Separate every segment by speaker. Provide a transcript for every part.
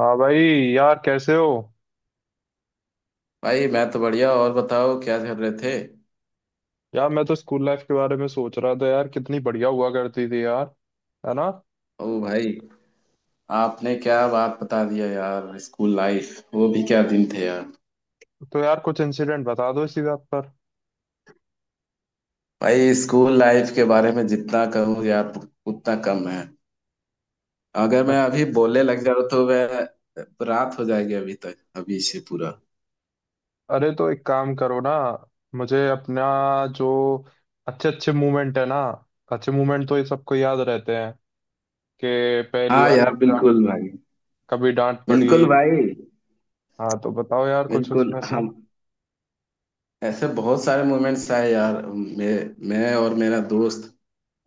Speaker 1: हाँ भाई, यार कैसे हो?
Speaker 2: भाई, मैं तो बढ़िया। और बताओ क्या कर रहे थे।
Speaker 1: यार मैं तो स्कूल लाइफ के बारे में सोच रहा था यार, कितनी बढ़िया हुआ करती थी यार, है ना।
Speaker 2: ओ भाई, आपने क्या बात बता दिया यार, स्कूल लाइफ, वो भी क्या दिन थे यार।
Speaker 1: तो यार कुछ इंसिडेंट बता दो इसी बात पर।
Speaker 2: भाई, स्कूल लाइफ के बारे में जितना कहूँ यार, उतना कम है। अगर मैं अभी बोलने लग जाऊँ तो मैं रात हो जाएगी, अभी तक अभी से पूरा।
Speaker 1: अरे तो एक काम करो ना, मुझे अपना जो अच्छे अच्छे मोमेंट, है ना, अच्छे मोमेंट तो ये सबको याद रहते हैं कि पहली
Speaker 2: हाँ
Speaker 1: बार
Speaker 2: यार
Speaker 1: कब डांट,
Speaker 2: बिल्कुल भाई।
Speaker 1: कभी डांट पड़ी।
Speaker 2: बिल्कुल भाई।
Speaker 1: हाँ तो बताओ यार कुछ
Speaker 2: बिल्कुल,
Speaker 1: उसमें से।
Speaker 2: हम ऐसे बहुत सारे मोमेंट्स आए यार। मैं और मेरा दोस्त।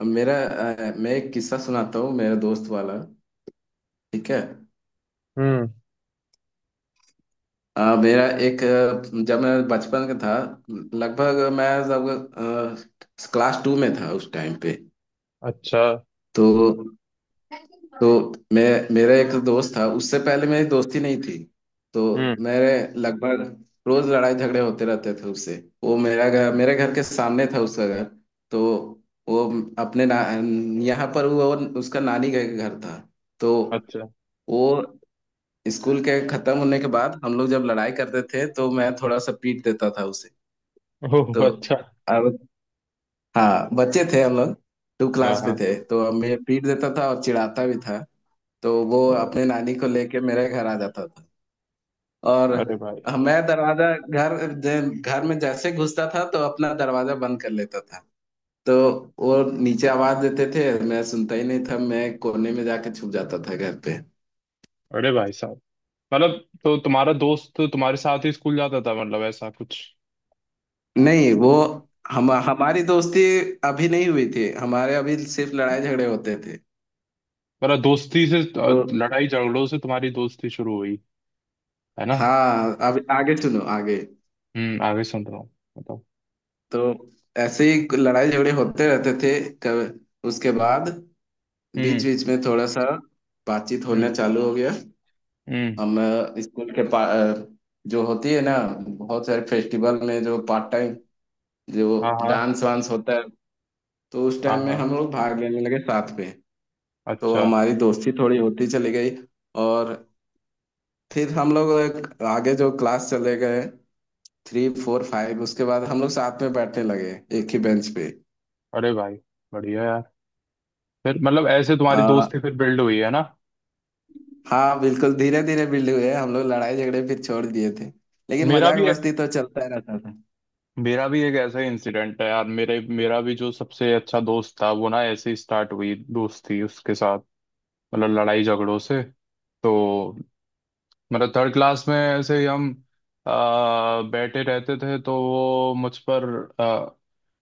Speaker 2: मैं एक किस्सा सुनाता हूँ, मेरा दोस्त वाला। ठीक है।
Speaker 1: हम्म।
Speaker 2: जब मैं बचपन का था, लगभग मैं जब क्लास 2 में था, उस टाइम पे।
Speaker 1: अच्छा।
Speaker 2: तो तो मैं मेरा एक दोस्त था, उससे पहले मेरी दोस्ती नहीं थी। तो
Speaker 1: हम्म।
Speaker 2: मेरे लगभग रोज लड़ाई झगड़े होते रहते थे उससे। वो, मेरा घर मेरे घर के सामने था उसका घर। तो वो, अपने ना, यहाँ पर, वो उसका नानी का घर था। तो
Speaker 1: अच्छा।
Speaker 2: वो, स्कूल के खत्म होने के बाद हम लोग जब लड़ाई करते थे तो मैं थोड़ा सा पीट देता था उसे।
Speaker 1: ओह
Speaker 2: तो
Speaker 1: अच्छा।
Speaker 2: अब, हाँ, बच्चे थे हम लोग, टू
Speaker 1: हाँ
Speaker 2: क्लास में
Speaker 1: हाँ।
Speaker 2: थे, तो अब मैं पीट देता था और चिढ़ाता भी था। तो वो
Speaker 1: अरे।
Speaker 2: अपने नानी को लेके मेरे घर आ जाता था। और
Speaker 1: अरे भाई।
Speaker 2: मैं दरवाजा घर जे- घर में जैसे घुसता था तो अपना दरवाजा बंद कर लेता था। तो वो नीचे आवाज देते थे, मैं सुनता ही नहीं था, मैं कोने में जाके छुप जाता था घर पे।
Speaker 1: अरे भाई साहब, मतलब तो तुम्हारा दोस्त तुम्हारे साथ ही स्कूल जाता था, मतलब ऐसा कुछ?
Speaker 2: नहीं, वो हम हमारी दोस्ती अभी नहीं हुई थी, हमारे अभी सिर्फ लड़ाई झगड़े होते थे
Speaker 1: मतलब
Speaker 2: तो।
Speaker 1: लड़ाई झगड़ों से तुम्हारी दोस्ती शुरू हुई, है ना।
Speaker 2: हाँ, अब आगे सुनो आगे।
Speaker 1: हम्म, आगे सुन रहा हूँ, बताओ।
Speaker 2: तो ऐसे ही लड़ाई झगड़े होते रहते थे। उसके बाद बीच
Speaker 1: हम्म।
Speaker 2: बीच में थोड़ा सा बातचीत होना
Speaker 1: हम्म।
Speaker 2: चालू हो गया।
Speaker 1: हम्म।
Speaker 2: स्कूल के जो होती है ना, बहुत सारे फेस्टिवल में जो पार्ट टाइम,
Speaker 1: हाँ
Speaker 2: जो
Speaker 1: हाँ।
Speaker 2: डांस वांस होता है, तो उस
Speaker 1: हाँ
Speaker 2: टाइम में
Speaker 1: हाँ।
Speaker 2: हम लोग भाग लेने लगे साथ में। तो
Speaker 1: अच्छा।
Speaker 2: हमारी दोस्ती थोड़ी होती चली गई। और फिर हम लोग एक आगे जो क्लास चले गए, 3, 4, 5, उसके बाद हम लोग साथ में बैठने लगे एक ही बेंच पे।
Speaker 1: अरे भाई, बढ़िया यार। फिर मतलब ऐसे तुम्हारी दोस्ती फिर बिल्ड हुई, है ना।
Speaker 2: हाँ बिल्कुल, धीरे धीरे बिल्ड हुए हैं। हम लोग लड़ाई झगड़े फिर छोड़ दिए थे, लेकिन
Speaker 1: मेरा
Speaker 2: मजाक
Speaker 1: भी
Speaker 2: मस्ती तो चलता ही रहता था।
Speaker 1: मेरा भी एक ऐसा ही इंसिडेंट है यार, मेरे मेरा भी जो सबसे अच्छा दोस्त था वो ना ऐसे ही स्टार्ट हुई दोस्ती उसके साथ, मतलब लड़ाई झगड़ों से। तो मतलब थर्ड क्लास में ऐसे ही हम बैठे रहते थे तो वो मुझ पर आ,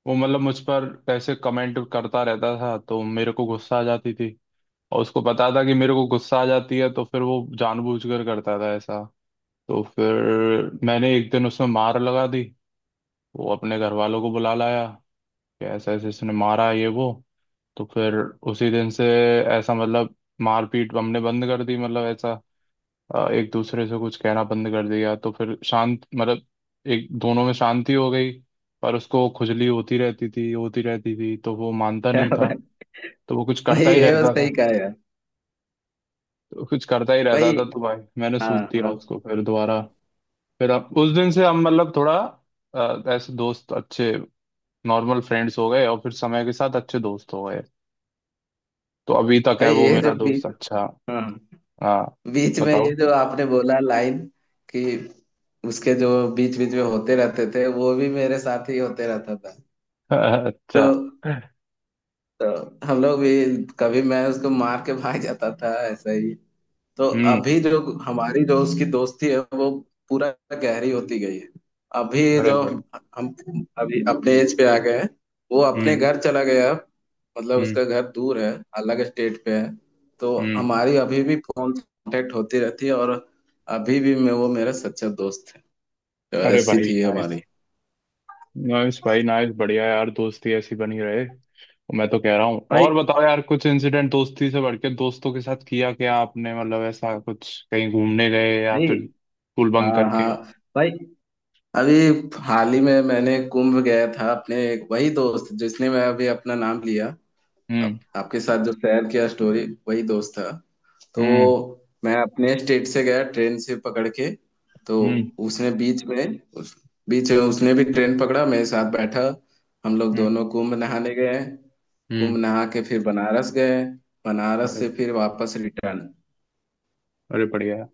Speaker 1: वो मतलब मुझ पर ऐसे कमेंट करता रहता था तो मेरे को गुस्सा आ जाती थी। और उसको पता था कि मेरे को गुस्सा आ जाती है तो फिर वो जानबूझकर करता था ऐसा। तो फिर मैंने एक दिन उसमें मार लगा दी। वो अपने घर वालों को बुला लाया कि ऐसा ऐसे इसने मारा है, ये वो। तो फिर उसी दिन से ऐसा मतलब मारपीट हमने बंद कर दी, मतलब ऐसा एक दूसरे से कुछ कहना बंद कर दिया। तो फिर शांत मतलब एक दोनों में शांति हो गई। पर उसको खुजली होती रहती थी, तो वो मानता नहीं
Speaker 2: क्या
Speaker 1: था।
Speaker 2: बात-
Speaker 1: तो वो कुछ
Speaker 2: वही,
Speaker 1: करता ही
Speaker 2: ये बस
Speaker 1: रहता
Speaker 2: सही
Speaker 1: था।
Speaker 2: कहा यार।
Speaker 1: तो कुछ करता ही रहता
Speaker 2: वही।
Speaker 1: था तो भाई मैंने
Speaker 2: हाँ
Speaker 1: सूद दिया
Speaker 2: हाँ।
Speaker 1: उसको फिर दोबारा। फिर अब उस दिन से हम मतलब थोड़ा ऐसे दोस्त अच्छे नॉर्मल फ्रेंड्स हो गए और फिर समय के साथ अच्छे दोस्त हो गए। तो अभी तक है
Speaker 2: वही
Speaker 1: वो
Speaker 2: ये जो
Speaker 1: मेरा
Speaker 2: बीच
Speaker 1: दोस्त अच्छा।
Speaker 2: हाँ हाँ।
Speaker 1: हाँ,
Speaker 2: बीच में
Speaker 1: बताओ।
Speaker 2: ये जो आपने बोला लाइन, कि उसके जो बीच बीच में होते रहते थे, वो भी मेरे साथ ही होते रहता था। तो,
Speaker 1: अच्छा।
Speaker 2: तो हम लोग भी कभी मैं उसको मार के भाग जाता था, ऐसा ही तो।
Speaker 1: हम्म।
Speaker 2: अभी जो हमारी जो उसकी दोस्ती है, वो पूरा गहरी होती गई है। अभी
Speaker 1: बड़े
Speaker 2: जो
Speaker 1: बड़े।
Speaker 2: हम अभी अपने एज पे आ गए हैं। वो अपने
Speaker 1: हम्म।
Speaker 2: घर चला गया अब। मतलब
Speaker 1: हम्म।
Speaker 2: उसका घर दूर है, अलग स्टेट पे है तो।
Speaker 1: हम्म।
Speaker 2: हमारी अभी भी फोन कांटेक्ट होती रहती है, और अभी भी मैं वो मेरा सच्चा दोस्त है। तो
Speaker 1: अरे
Speaker 2: ऐसी
Speaker 1: भाई,
Speaker 2: थी
Speaker 1: नाइस।
Speaker 2: हमारी।
Speaker 1: नाइस भाई, नाइस, बढ़िया यार, दोस्ती ऐसी बनी रहे। मैं तो कह रहा हूँ,
Speaker 2: भाई,
Speaker 1: और बताओ यार कुछ इंसिडेंट दोस्ती से बढ़ के दोस्तों के साथ किया क्या आपने, मतलब ऐसा कुछ कहीं घूमने गए या
Speaker 2: भाई,
Speaker 1: फिर स्कूल बंक
Speaker 2: हाँ
Speaker 1: करके।
Speaker 2: हाँ। भाई, अभी हाल ही में मैंने कुंभ गया था, अपने एक वही दोस्त, जिसने मैं अभी अपना नाम लिया,
Speaker 1: हम्म।
Speaker 2: आपके साथ जो शेयर किया स्टोरी, वही दोस्त था। तो
Speaker 1: हम्म।
Speaker 2: मैं अपने स्टेट से गया ट्रेन से पकड़ के। तो
Speaker 1: हम्म।
Speaker 2: उसने बीच में उस बीच में उसने भी ट्रेन पकड़ा, मेरे साथ बैठा। हम लोग
Speaker 1: हम्म।
Speaker 2: दोनों कुंभ नहाने गए। कुंभ
Speaker 1: हम्म।
Speaker 2: नहा के फिर बनारस गए। बनारस
Speaker 1: अरे।
Speaker 2: से फिर वापस रिटर्न।
Speaker 1: अरे बढ़िया यार।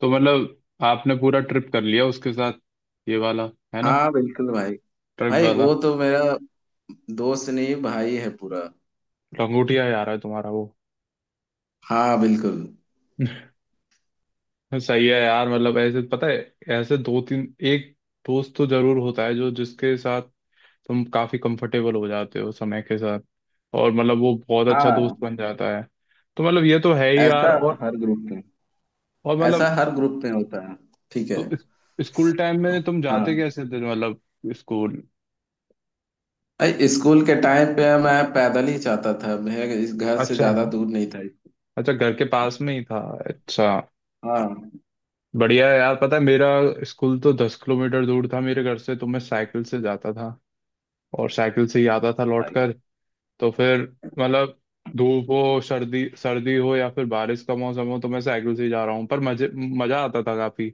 Speaker 1: तो मतलब आपने पूरा ट्रिप कर लिया उसके साथ, ये वाला, है ना,
Speaker 2: हाँ बिल्कुल भाई।
Speaker 1: ट्रिप
Speaker 2: भाई,
Speaker 1: वाला।
Speaker 2: वो तो मेरा दोस्त नहीं, भाई है पूरा।
Speaker 1: लंगोटिया यार है तुम्हारा वो।
Speaker 2: हाँ बिल्कुल।
Speaker 1: सही है यार, मतलब ऐसे पता है, ऐसे दो तीन एक दोस्त तो जरूर होता है जो जिसके साथ तुम काफी कंफर्टेबल हो जाते हो समय के साथ और मतलब वो बहुत अच्छा
Speaker 2: हाँ,
Speaker 1: दोस्त बन जाता है। तो मतलब ये तो है ही यार।
Speaker 2: ऐसा हर ग्रुप में
Speaker 1: और
Speaker 2: ऐसा
Speaker 1: मतलब,
Speaker 2: हर ग्रुप में होता है। ठीक है।
Speaker 1: तो स्कूल टाइम में तुम जाते
Speaker 2: हाँ।
Speaker 1: कैसे थे, मतलब स्कूल?
Speaker 2: अरे स्कूल के टाइम पे मैं पैदल ही जाता था, मैं इस घर से
Speaker 1: अच्छा।
Speaker 2: ज्यादा दूर नहीं था।
Speaker 1: अच्छा, घर के पास में ही था। अच्छा,
Speaker 2: हाँ
Speaker 1: बढ़िया है यार। पता है, मेरा स्कूल तो 10 किलोमीटर दूर था मेरे घर से, तो मैं साइकिल से जाता था और साइकिल से ही आता था लौट
Speaker 2: भाई।
Speaker 1: कर। तो फिर मतलब धूप हो, सर्दी सर्दी हो या फिर बारिश का मौसम हो, तो मैं साइकिल से ही जा रहा हूँ, पर मजे मजा आता था काफी।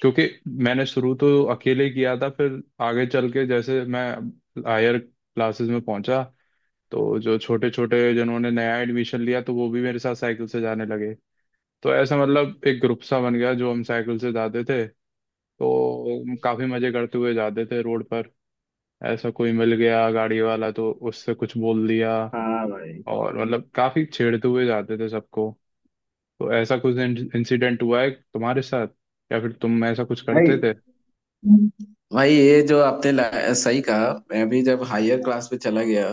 Speaker 1: क्योंकि मैंने शुरू तो अकेले किया था, फिर आगे चल के जैसे मैं हायर क्लासेस में पहुंचा, तो जो छोटे छोटे जिन्होंने नया एडमिशन लिया, तो वो भी मेरे साथ साइकिल से जाने लगे। तो ऐसा मतलब एक ग्रुप सा बन गया जो हम साइकिल से जाते थे। तो काफी मजे करते हुए जाते थे रोड पर। ऐसा कोई मिल गया गाड़ी वाला तो उससे कुछ बोल दिया
Speaker 2: हाँ भाई,
Speaker 1: और मतलब काफी छेड़ते हुए जाते थे सबको। तो ऐसा कुछ इंसिडेंट हुआ है तुम्हारे साथ या फिर तुम ऐसा कुछ
Speaker 2: भाई,
Speaker 1: करते थे?
Speaker 2: भाई, ये जो आपने सही कहा, मैं भी जब हायर क्लास में चला गया,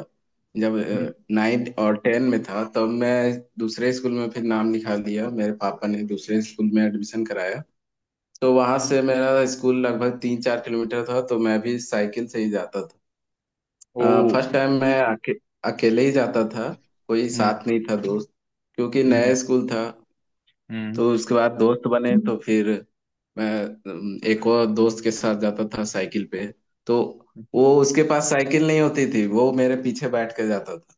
Speaker 2: जब
Speaker 1: हम्म।
Speaker 2: नाइन्थ और 10 में था, तब मैं दूसरे स्कूल में फिर नाम लिखा लिया, मेरे पापा ने दूसरे स्कूल में एडमिशन कराया। तो वहां से मेरा स्कूल लगभग 3-4 किलोमीटर था, तो मैं भी साइकिल से ही जाता था।
Speaker 1: ओ।
Speaker 2: फर्स्ट टाइम मैं अकेले ही जाता था, कोई
Speaker 1: हम्म।
Speaker 2: साथ नहीं था दोस्त, क्योंकि नया
Speaker 1: हम्म।
Speaker 2: स्कूल था।
Speaker 1: हम्म।
Speaker 2: तो उसके बाद दोस्त बने तो फिर मैं एक और दोस्त के साथ जाता था साइकिल पे। तो वो, उसके पास साइकिल नहीं होती थी, वो मेरे पीछे बैठ के जाता था।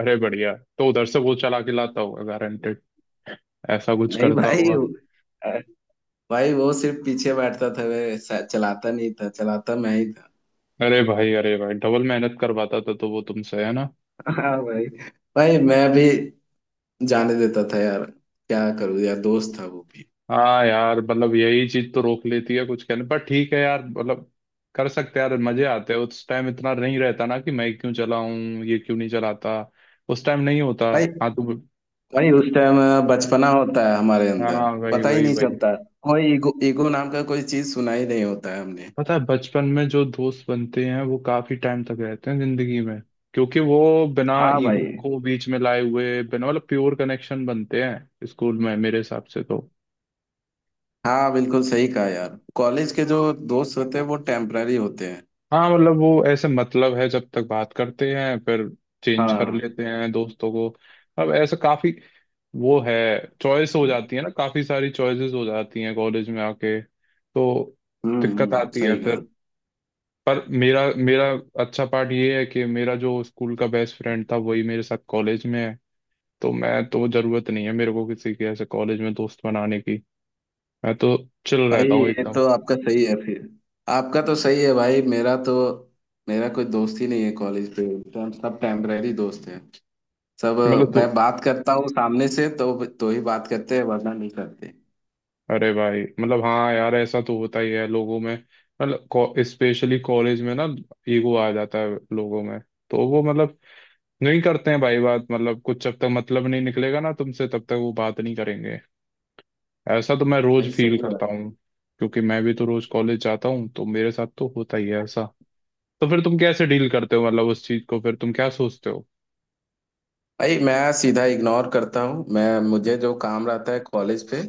Speaker 1: अरे बढ़िया, तो उधर से वो चला के लाता होगा गारंटेड, ऐसा कुछ
Speaker 2: नहीं
Speaker 1: करता
Speaker 2: भाई
Speaker 1: होगा।
Speaker 2: वो- अ, भाई वो सिर्फ पीछे बैठता था, चलाता नहीं था, चलाता मैं ही था।
Speaker 1: अरे भाई। अरे भाई, डबल मेहनत करवाता था तो वो तुमसे, है ना।
Speaker 2: हाँ भाई। भाई मैं भी जाने देता था यार, क्या करूँ यार, दोस्त था वो भी।
Speaker 1: हाँ यार, मतलब यही चीज तो रोक लेती है कुछ कहने पर। ठीक है यार, मतलब कर सकते हैं यार, मजे आते हैं। उस टाइम इतना नहीं रहता ना कि मैं क्यों चलाऊं, ये क्यों नहीं चलाता, उस टाइम नहीं होता।
Speaker 2: भाई,
Speaker 1: हाँ तू।
Speaker 2: वही उस टाइम बचपना होता है हमारे अंदर,
Speaker 1: हाँ, वही
Speaker 2: पता ही
Speaker 1: वही
Speaker 2: नहीं
Speaker 1: वही।
Speaker 2: चलता, कोई ईगो, ईगो नाम का कोई चीज सुना ही नहीं होता है हमने।
Speaker 1: पता है, बचपन में जो दोस्त बनते हैं वो काफी टाइम तक रहते हैं जिंदगी में, क्योंकि वो बिना
Speaker 2: हाँ
Speaker 1: ईगो
Speaker 2: भाई।
Speaker 1: को बीच में लाए हुए बिना, मतलब प्योर कनेक्शन बनते हैं स्कूल में मेरे हिसाब से तो।
Speaker 2: हाँ बिल्कुल सही कहा यार, कॉलेज के जो दोस्त होते हैं वो टेम्पररी होते हैं।
Speaker 1: हाँ, मतलब वो ऐसे मतलब है, जब तक बात करते हैं फिर चेंज कर
Speaker 2: हाँ।
Speaker 1: लेते हैं दोस्तों को। अब ऐसा काफी वो है चॉइस हो जाती है ना, काफी सारी चॉइसेस हो जाती हैं कॉलेज में आके, तो दिक्कत आती है
Speaker 2: सही कहा।
Speaker 1: फिर। पर मेरा मेरा अच्छा पार्ट ये है कि मेरा जो स्कूल का बेस्ट फ्रेंड था वही मेरे साथ कॉलेज में है, तो मैं तो जरूरत नहीं है मेरे को किसी के ऐसे कॉलेज में दोस्त बनाने की। मैं तो चिल
Speaker 2: भाई,
Speaker 1: रहता हूँ
Speaker 2: ये
Speaker 1: एकदम।
Speaker 2: तो आपका सही है फिर, आपका तो सही है भाई, मेरा कोई दोस्त ही नहीं है कॉलेज पे, हम सब टेम्पररी दोस्त हैं, सब।
Speaker 1: मतलब
Speaker 2: मैं
Speaker 1: तो,
Speaker 2: बात करता हूँ सामने से तो ही बात करते हैं, वरना नहीं करते।
Speaker 1: अरे भाई मतलब हाँ यार, ऐसा तो होता ही है लोगों में। मतलब स्पेशली कॉलेज में ना, ईगो आ जाता है लोगों में, तो वो मतलब नहीं करते हैं भाई बात, मतलब कुछ जब तक मतलब नहीं निकलेगा ना तुमसे तब तक वो बात नहीं करेंगे। ऐसा तो मैं
Speaker 2: भाई
Speaker 1: रोज
Speaker 2: सही
Speaker 1: फील
Speaker 2: है।
Speaker 1: करता हूँ, क्योंकि मैं भी तो रोज कॉलेज जाता हूँ, तो मेरे साथ तो होता ही है ऐसा। तो फिर तुम कैसे डील करते हो मतलब उस चीज को, फिर तुम क्या सोचते हो?
Speaker 2: भाई मैं सीधा इग्नोर करता हूँ, मैं मुझे जो काम रहता है कॉलेज पे,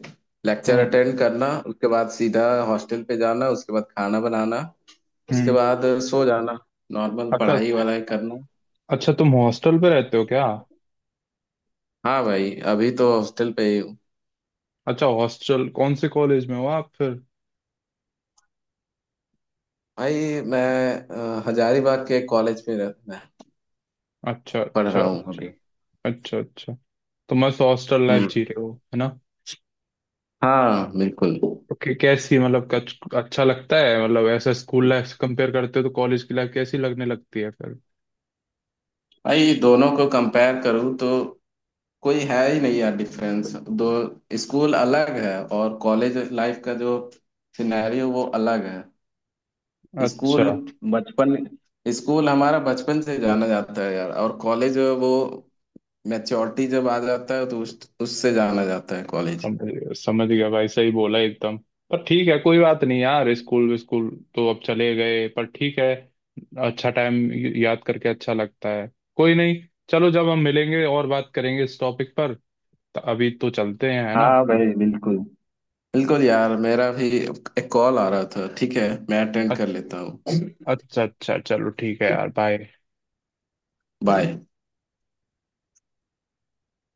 Speaker 2: लेक्चर
Speaker 1: हम्म।
Speaker 2: अटेंड करना, उसके बाद सीधा हॉस्टल पे जाना, उसके बाद खाना बनाना, उसके
Speaker 1: हम्म।
Speaker 2: बाद सो जाना, नॉर्मल
Speaker 1: अच्छा।
Speaker 2: पढ़ाई वाला करना।
Speaker 1: अच्छा, तुम हॉस्टल पे रहते हो क्या?
Speaker 2: हाँ भाई, अभी तो हॉस्टल पे ही हूँ।
Speaker 1: अच्छा, हॉस्टल कौन से कॉलेज में हो आप फिर?
Speaker 2: भाई मैं हजारीबाग के कॉलेज में मैं
Speaker 1: अच्छा
Speaker 2: पढ़
Speaker 1: अच्छा
Speaker 2: रहा हूँ
Speaker 1: अच्छा।
Speaker 2: अभी।
Speaker 1: अच्छा अच्छा। तो मस्त हॉस्टल लाइफ जी
Speaker 2: हम्म।
Speaker 1: रहे हो, है ना।
Speaker 2: हाँ बिल्कुल।
Speaker 1: तो कैसी मतलब अच्छा लगता है, मतलब ऐसा स्कूल लाइफ से कंपेयर करते हो तो कॉलेज की लाइफ कैसी लगने लगती है फिर?
Speaker 2: भाई दोनों को कंपेयर करूँ तो कोई है ही नहीं यार डिफरेंस। दो स्कूल अलग है, और कॉलेज लाइफ का जो सिनेरियो वो अलग है। स्कूल
Speaker 1: अच्छा।
Speaker 2: बचपन स्कूल हमारा बचपन से जाना जाता है यार, और कॉलेज वो मैच्योरिटी जब आ जाता है तो उस उससे जाना जाता है कॉलेज।
Speaker 1: समझ गया, समझ गया भाई, सही बोला एकदम। पर ठीक है, कोई बात नहीं यार, स्कूल स्कूल तो अब चले गए पर ठीक है। अच्छा टाइम, याद करके अच्छा लगता है। कोई नहीं, चलो जब हम मिलेंगे और बात करेंगे इस टॉपिक पर, तो अभी तो चलते हैं, है ना।
Speaker 2: हाँ भाई बिल्कुल। बिल्कुल यार, मेरा भी एक कॉल आ रहा था, ठीक है मैं अटेंड कर
Speaker 1: अच्छा।
Speaker 2: लेता हूँ।
Speaker 1: अच्छा अच्छा, चलो ठीक है यार, बाय।
Speaker 2: बाय।